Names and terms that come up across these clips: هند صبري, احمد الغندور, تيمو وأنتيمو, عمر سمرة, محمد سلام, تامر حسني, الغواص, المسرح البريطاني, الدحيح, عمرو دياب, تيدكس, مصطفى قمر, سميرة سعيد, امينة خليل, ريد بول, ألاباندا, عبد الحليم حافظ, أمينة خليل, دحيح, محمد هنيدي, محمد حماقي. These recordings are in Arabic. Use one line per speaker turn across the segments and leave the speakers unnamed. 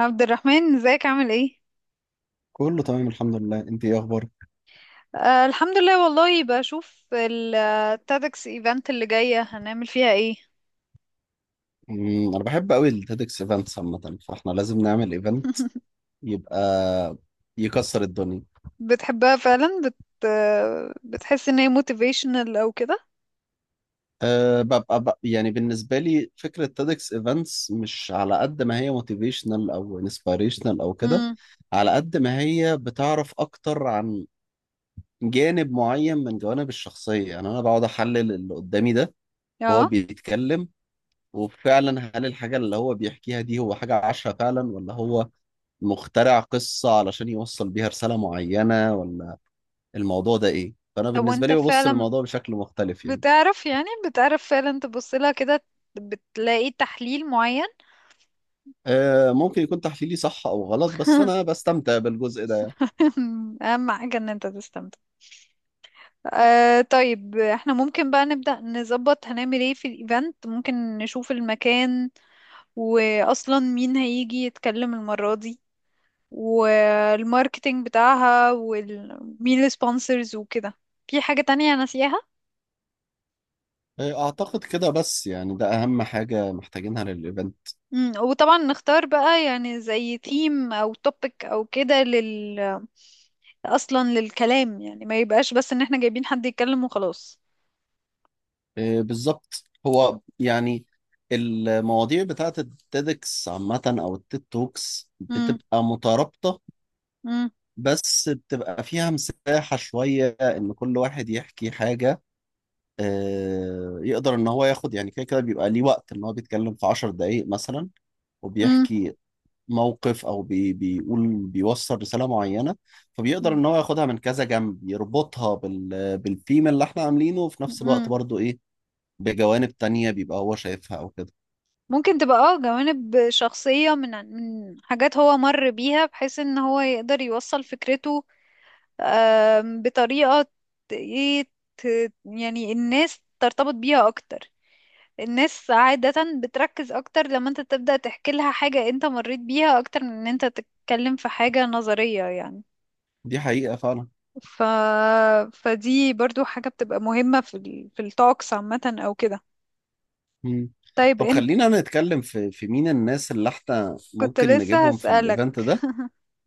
عبد الرحمن، ازيك؟ عامل ايه؟
كله تمام الحمد لله، انت ايه اخبارك؟
آه، الحمد لله. والله بشوف التادكس ايفنت اللي جاية هنعمل فيها ايه؟
انا بحب قوي التيدكس ايفنتس عامه، فاحنا لازم نعمل ايفنت يبقى يكسر الدنيا.
بتحبها فعلا؟ آه، بتحس ان هي موتيفيشنال او كده؟
أه، يعني بالنسبه لي فكره تيدكس ايفنتس مش على قد ما هي موتيفيشنال او انسبيريشنال او كده،
امم.
على قد ما هي بتعرف اكتر عن جانب معين من جوانب الشخصيه. يعني انا بقعد احلل اللي قدامي ده وهو
اه،
بيتكلم، وفعلا هل الحاجه اللي هو بيحكيها دي هو حاجه عاشها فعلا، ولا هو مخترع قصة علشان يوصل بيها رسالة معينة، ولا الموضوع ده إيه؟ فأنا
طب
بالنسبة
وانت
لي ببص
فعلا
للموضوع بشكل مختلف يعني.
بتعرف، يعني بتعرف فعلا تبص لها كده؟ بتلاقي تحليل معين؟
آه، ممكن يكون تحليلي صح أو غلط، بس أنا بستمتع بالجزء ده يعني.
اهم حاجة ان انت تستمتع. آه، طيب احنا ممكن بقى نبدأ نظبط هنعمل ايه في الايفنت. ممكن نشوف المكان، واصلا مين هيجي يتكلم المرة دي، والماركتينج بتاعها، ومين السبونسرز وكده. في حاجة تانية ناسياها؟
آه، أعتقد كده، بس يعني ده أهم حاجة محتاجينها للإيفنت.
مم، وطبعا نختار بقى يعني زي ثيم او توبيك او كده اصلا للكلام، يعني ما يبقاش بس ان احنا جايبين حد يتكلم وخلاص.
آه، بالظبط. هو يعني المواضيع بتاعة التيدكس عامة أو التيد توكس
مم،
بتبقى مترابطة،
مم،
بس بتبقى فيها مساحة شوية إن كل واحد يحكي حاجة. آه، يقدر ان هو ياخد، يعني كده كده بيبقى ليه وقت ان هو بيتكلم في عشر دقايق مثلا
مم،
وبيحكي موقف او بيقول بيوصل رسالة معينة، فبيقدر
مم،
ان هو ياخدها من كذا جنب، يربطها بالثيم اللي احنا عاملينه، وفي نفس الوقت
مم.
برضو ايه، بجوانب تانية بيبقى هو شايفها او كده.
ممكن تبقى اه جوانب شخصية من حاجات هو مر بيها، بحيث ان هو يقدر يوصل فكرته. بطريقة ايه، يعني الناس ترتبط بيها اكتر. الناس عادة بتركز اكتر لما انت تبدأ تحكي لها حاجة انت مريت بيها، اكتر من ان انت تتكلم في حاجة نظرية يعني.
دي حقيقة فعلا.
ف... فدي برضو حاجة بتبقى مهمة في التوكس عامة او كده.
مم.
طيب
طب
انت
خلينا نتكلم في مين الناس اللي احنا
كنت
ممكن
لسه
نجيبهم في
هسألك.
الايفنت ده،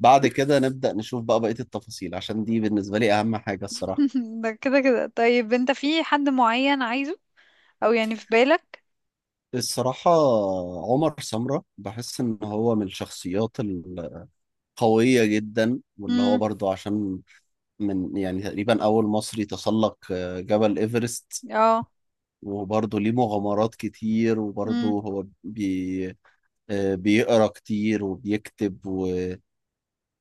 بعد كده نبدأ نشوف بقى بقية التفاصيل، عشان دي بالنسبة لي اهم حاجة الصراحة
ده كده كده، طيب انت في حد معين عايزه؟ او يعني في بالك؟
الصراحة عمر سمرة بحس إن هو من الشخصيات القوية جدا، واللي هو
امم.
برضو عشان من يعني تقريبا أول مصري تسلق جبل إيفرست،
اه.
وبرضه ليه مغامرات كتير، وبرضه
امم.
هو بي آه، بيقرأ كتير وبيكتب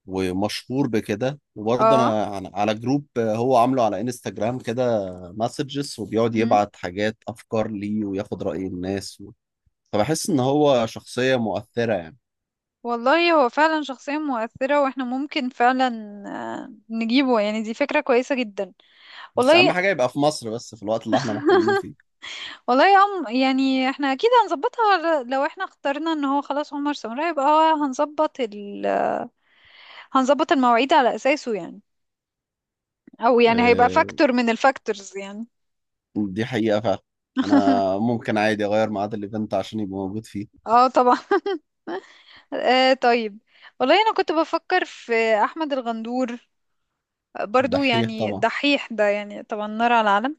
ومشهور بكده. وبرضه
اه.
أنا على جروب هو عامله على انستجرام، كده مسجز، وبيقعد يبعت حاجات أفكار ليه وياخد رأي الناس. فبحس إن هو شخصية مؤثرة يعني.
والله هو فعلا شخصية مؤثرة، واحنا ممكن فعلا نجيبه. يعني دي فكرة كويسة جدا.
بس اهم
والله،
حاجه يبقى في مصر، بس في الوقت اللي احنا محتاجينه فيه.
والله يا أم، يعني احنا اكيد هنظبطها. لو احنا اخترنا ان هو خلاص عمر سمرة يبقى هو هنظبط المواعيد على اساسه يعني. او يعني هيبقى
آه،
فاكتور من الفاكتورز يعني.
دي حقيقه فعلا. انا ممكن عادي اغير ميعاد الايفنت عشان يبقى موجود فيه.
اه، طبعا. آه، طيب. والله انا كنت بفكر في احمد الغندور، برضو
الدحيح
يعني
طبعا.
دحيح ده، يعني طبعا نار على العالم.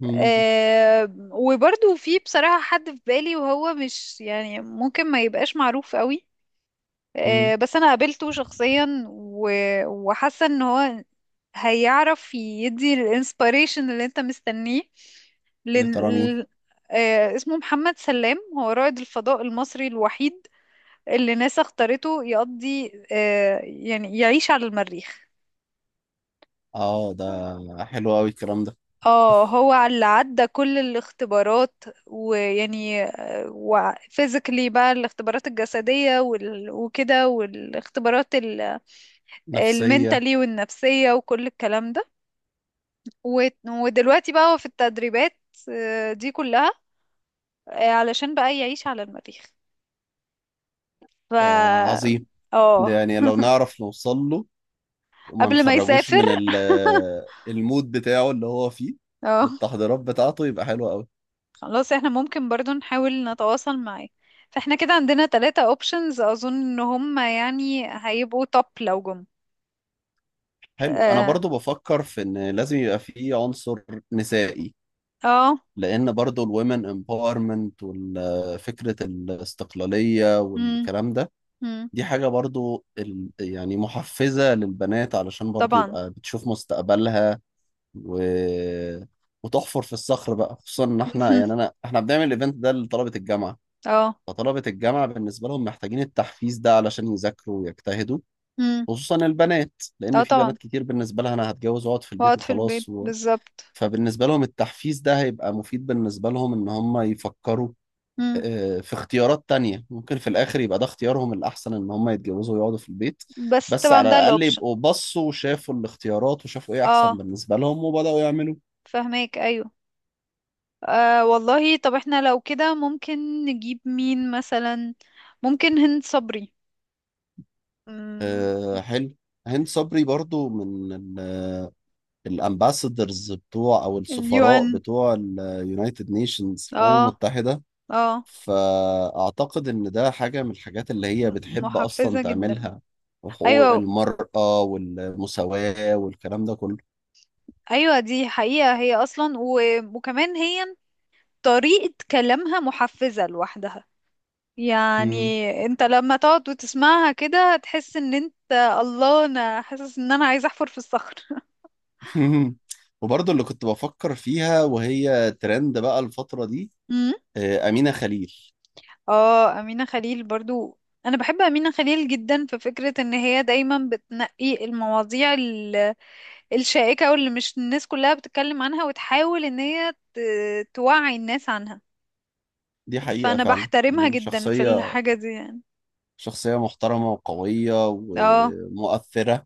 مم.
آه، وبرضو في بصراحة حد في بالي، وهو مش يعني ممكن ما يبقاش معروف قوي.
مم.
آه، بس أنا قابلته شخصيا و- وحاسة إن هو هيعرف يدي الانسبيريشن اللي انت مستنيه.
يا
لن...
ترى مين؟
ال- آه، اسمه محمد سلام، هو رائد الفضاء المصري الوحيد اللي ناسا اختارته يقضي يعني يعيش على المريخ.
اه، ده حلو قوي الكلام ده.
اه، هو اللي عدى كل الاختبارات ويعني، وفيزيكلي بقى الاختبارات الجسدية وكده، والاختبارات
نفسيه.
المنتالي والنفسية وكل الكلام ده. و- ودلوقتي بقى هو في التدريبات. آه، دي كلها. آه، علشان بقى يعيش على المريخ. ف
ده عظيم. ده
اه.
يعني لو نعرف نوصل له وما
قبل ما
نخرجوش
يسافر.
من المود بتاعه اللي هو فيه
اه،
بالتحضيرات بتاعته، يبقى حلو قوي.
خلاص، احنا ممكن برضو نحاول نتواصل معاه. فاحنا كده عندنا ثلاثة اوبشنز، اظن ان هم يعني هيبقوا توب لو جم.
حلو، انا
اه.
برضو بفكر في ان لازم يبقى فيه عنصر نسائي،
اه.
لان برضو الومن امباورمنت وفكره الاستقلاليه
مم،
والكلام ده،
مم،
دي حاجه برضو يعني محفزه للبنات، علشان برضو
طبعا.
يبقى بتشوف مستقبلها و وتحفر في الصخر بقى، خصوصا ان احنا يعني احنا بنعمل الايفنت ده لطلبه الجامعه.
اه.
فطلبه الجامعه بالنسبه لهم محتاجين التحفيز ده علشان يذاكروا ويجتهدوا،
مم،
خصوصا البنات.
اه،
لان في
طبعا،
بنات كتير بالنسبه لها انا هتجوز واقعد في البيت
واقعد في البيت
وخلاص.
بالظبط.
فبالنسبة لهم التحفيز ده هيبقى مفيد بالنسبة لهم إن هم يفكروا،
مم،
آه، في اختيارات تانية، ممكن في الآخر يبقى ده اختيارهم الأحسن إن هم يتجوزوا ويقعدوا في البيت،
بس
بس
طبعا
على
ده
الأقل
الاوبشن.
يبقوا بصوا وشافوا الاختيارات وشافوا إيه أحسن
اه،
بالنسبة لهم وبدأوا يعملوا.
فهماك، ايوه. آه، والله طب احنا لو كده ممكن نجيب مين مثلا. ممكن هند صبري. مم،
آه، حلو. هند صبري برضو من الأمباسادرز بتوع، أو السفراء
اليوان.
بتوع اليونايتد نيشنز، الأمم
اه.
المتحدة.
اه.
فأعتقد إن ده حاجة من الحاجات اللي هي بتحب أصلا
محفزة جدا.
تعملها، وحقوق
ايوه،
المرأة والمساواة والكلام ده كله.
ايوه، دي حقيقة هي اصلا و... وكمان هي طريقة كلامها محفزة لوحدها
مم.
يعني. انت لما تقعد وتسمعها كده تحس ان انت، الله، انا حاسس ان انا عايزة احفر في الصخر.
وبرضه اللي كنت بفكر فيها وهي ترند بقى الفترة دي،
أمم.
أمينة خليل.
اه، امينة خليل برضو. انا بحب امينة خليل جدا في فكرة ان هي دايما بتنقي المواضيع الشائكة، واللي مش الناس كلها بتتكلم عنها، وتحاول ان هي توعي الناس عنها.
دي حقيقة
فانا
فعلا،
بحترمها
يعني
جدا في
شخصية
الحاجة دي يعني.
شخصية محترمة وقوية
اه،
ومؤثرة.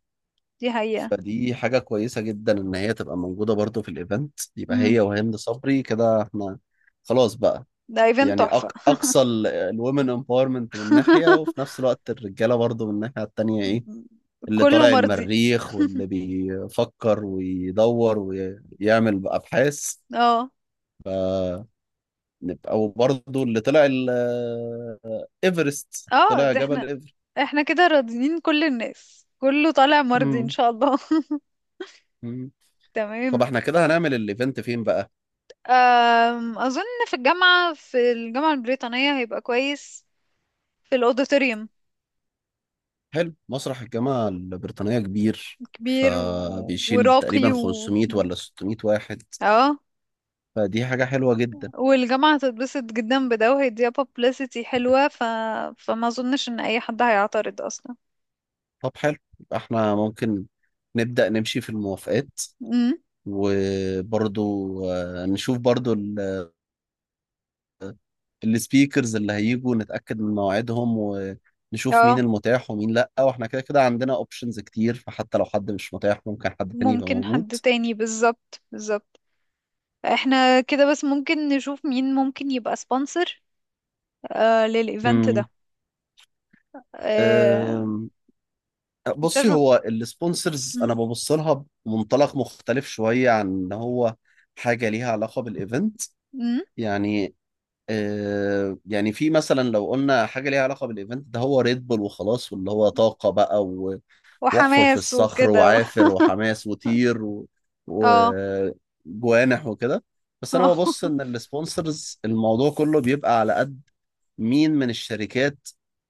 دي حقيقة.
فدي حاجة كويسة جدا إن هي تبقى موجودة برضه في الإيفنت، يبقى
امم.
هي وهند صبري كده إحنا خلاص بقى.
ده ايفنت
يعني
تحفة.
اقصى الومن امباورمنت من ناحيه، وفي نفس الوقت الرجاله برضو من الناحيه التانيه، ايه اللي
كله
طالع
مرضي.
المريخ واللي بيفكر ويدور ويعمل ابحاث
اه.
نبقى، وبرضو اللي طلع ايفرست،
اه.
طلع
ده
جبل
احنا
ايفر
احنا كده راضيين، كل الناس كله طالع مرضي ان
مم.
شاء الله.
مم. طب
تمام.
احنا كده هنعمل الايفنت فين بقى؟
اظن في الجامعة البريطانية هيبقى كويس، في الاوديتوريوم.
حلو، مسرح الجامعة البريطانية كبير،
كبير و-
فبيشيل تقريبا
وراقي. و...
500 ولا 600 واحد،
اه،
فدي حاجة حلوة جدا.
والجامعة هتتبسط جدا بده، وهيديها publicity حلوة. ف... فما اظنش ان اي حد هيعترض اصلا.
طب حلو، يبقى احنا ممكن نبدأ نمشي في الموافقات،
امم.
وبرضو نشوف برضو السبيكرز اللي هيجوا، نتأكد من مواعيدهم ونشوف مين
اه،
المتاح ومين لأ، واحنا كده كده عندنا اوبشنز كتير، فحتى لو حد مش متاح ممكن حد تاني يبقى
ممكن
موجود.
حد تاني، بالظبط، بالظبط. احنا كده بس ممكن نشوف مين ممكن يبقى سبونسر للايفنت
امم.
ده. آه.
أم،
مش
بصي
عارفة.
هو السبونسرز انا
مم.
ببص لها بمنطلق مختلف شوية عن ان هو حاجة ليها علاقة بالايفنت
مم.
يعني. يعني في مثلا لو قلنا حاجة ليها علاقة بالإيفنت ده هو ريد بول وخلاص، واللي هو طاقة بقى واحفر في
وحماس
الصخر
وكده
وعافر وحماس وطير
اه.
وجوانح وكده. بس
اه.
أنا ببص إن السبونسرز الموضوع كله بيبقى على قد مين من الشركات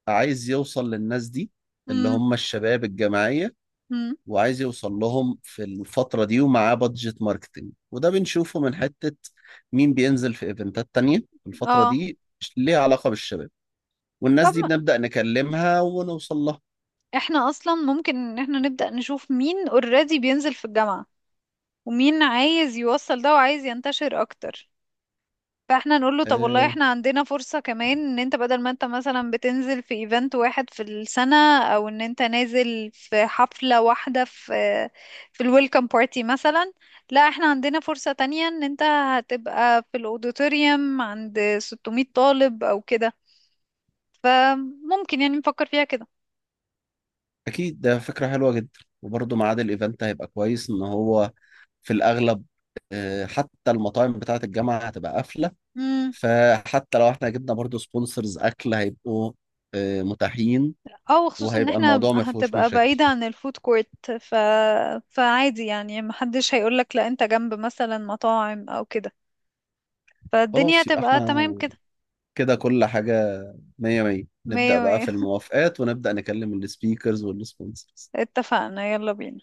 عايز يوصل للناس دي، اللي
مم.
هم الشباب الجماعية،
مم.
وعايز يوصل لهم في الفترة دي ومعاه بادجت ماركتنج. وده بنشوفه من حتة مين بينزل في ايفنتات تانية في الفترة
اه،
دي ليها علاقة بالشباب، والناس
طب
دي
ما
بنبدأ نكلمها ونوصل لها.
احنا اصلا ممكن ان احنا نبدأ نشوف مين اوريدي بينزل في الجامعة، ومين عايز يوصل ده وعايز ينتشر اكتر. فاحنا نقول له، طب والله
آه،
احنا عندنا فرصة كمان، ان انت بدل ما انت مثلا بتنزل في ايفنت واحد في السنة، او ان انت نازل في حفلة واحدة في الويلكم بارتي مثلا. لا، احنا عندنا فرصة تانية، ان انت هتبقى في الاوديتوريوم عند 600 طالب او كده. فممكن يعني نفكر فيها كده.
أكيد ده فكرة حلوة جدا. وبرضه ميعاد الايفنت هيبقى كويس، إن هو في الأغلب حتى المطاعم بتاعة الجامعة هتبقى قافلة،
امم،
فحتى لو احنا جبنا برضه سبونسرز أكل هيبقوا متاحين،
او خصوصا ان
وهيبقى
احنا
الموضوع ما فيهوش
هتبقى
مشاكل.
بعيدة عن الفود كورت. ف... فعادي يعني محدش هيقولك لا انت جنب مثلا مطاعم او كده. فالدنيا
خلاص يبقى
هتبقى
احنا
تمام كده.
كده كل حاجة مية مية، نبدأ
مية
بقى
مية،
في الموافقات ونبدأ نكلم السبيكرز والسبونسرز.
اتفقنا، يلا بينا.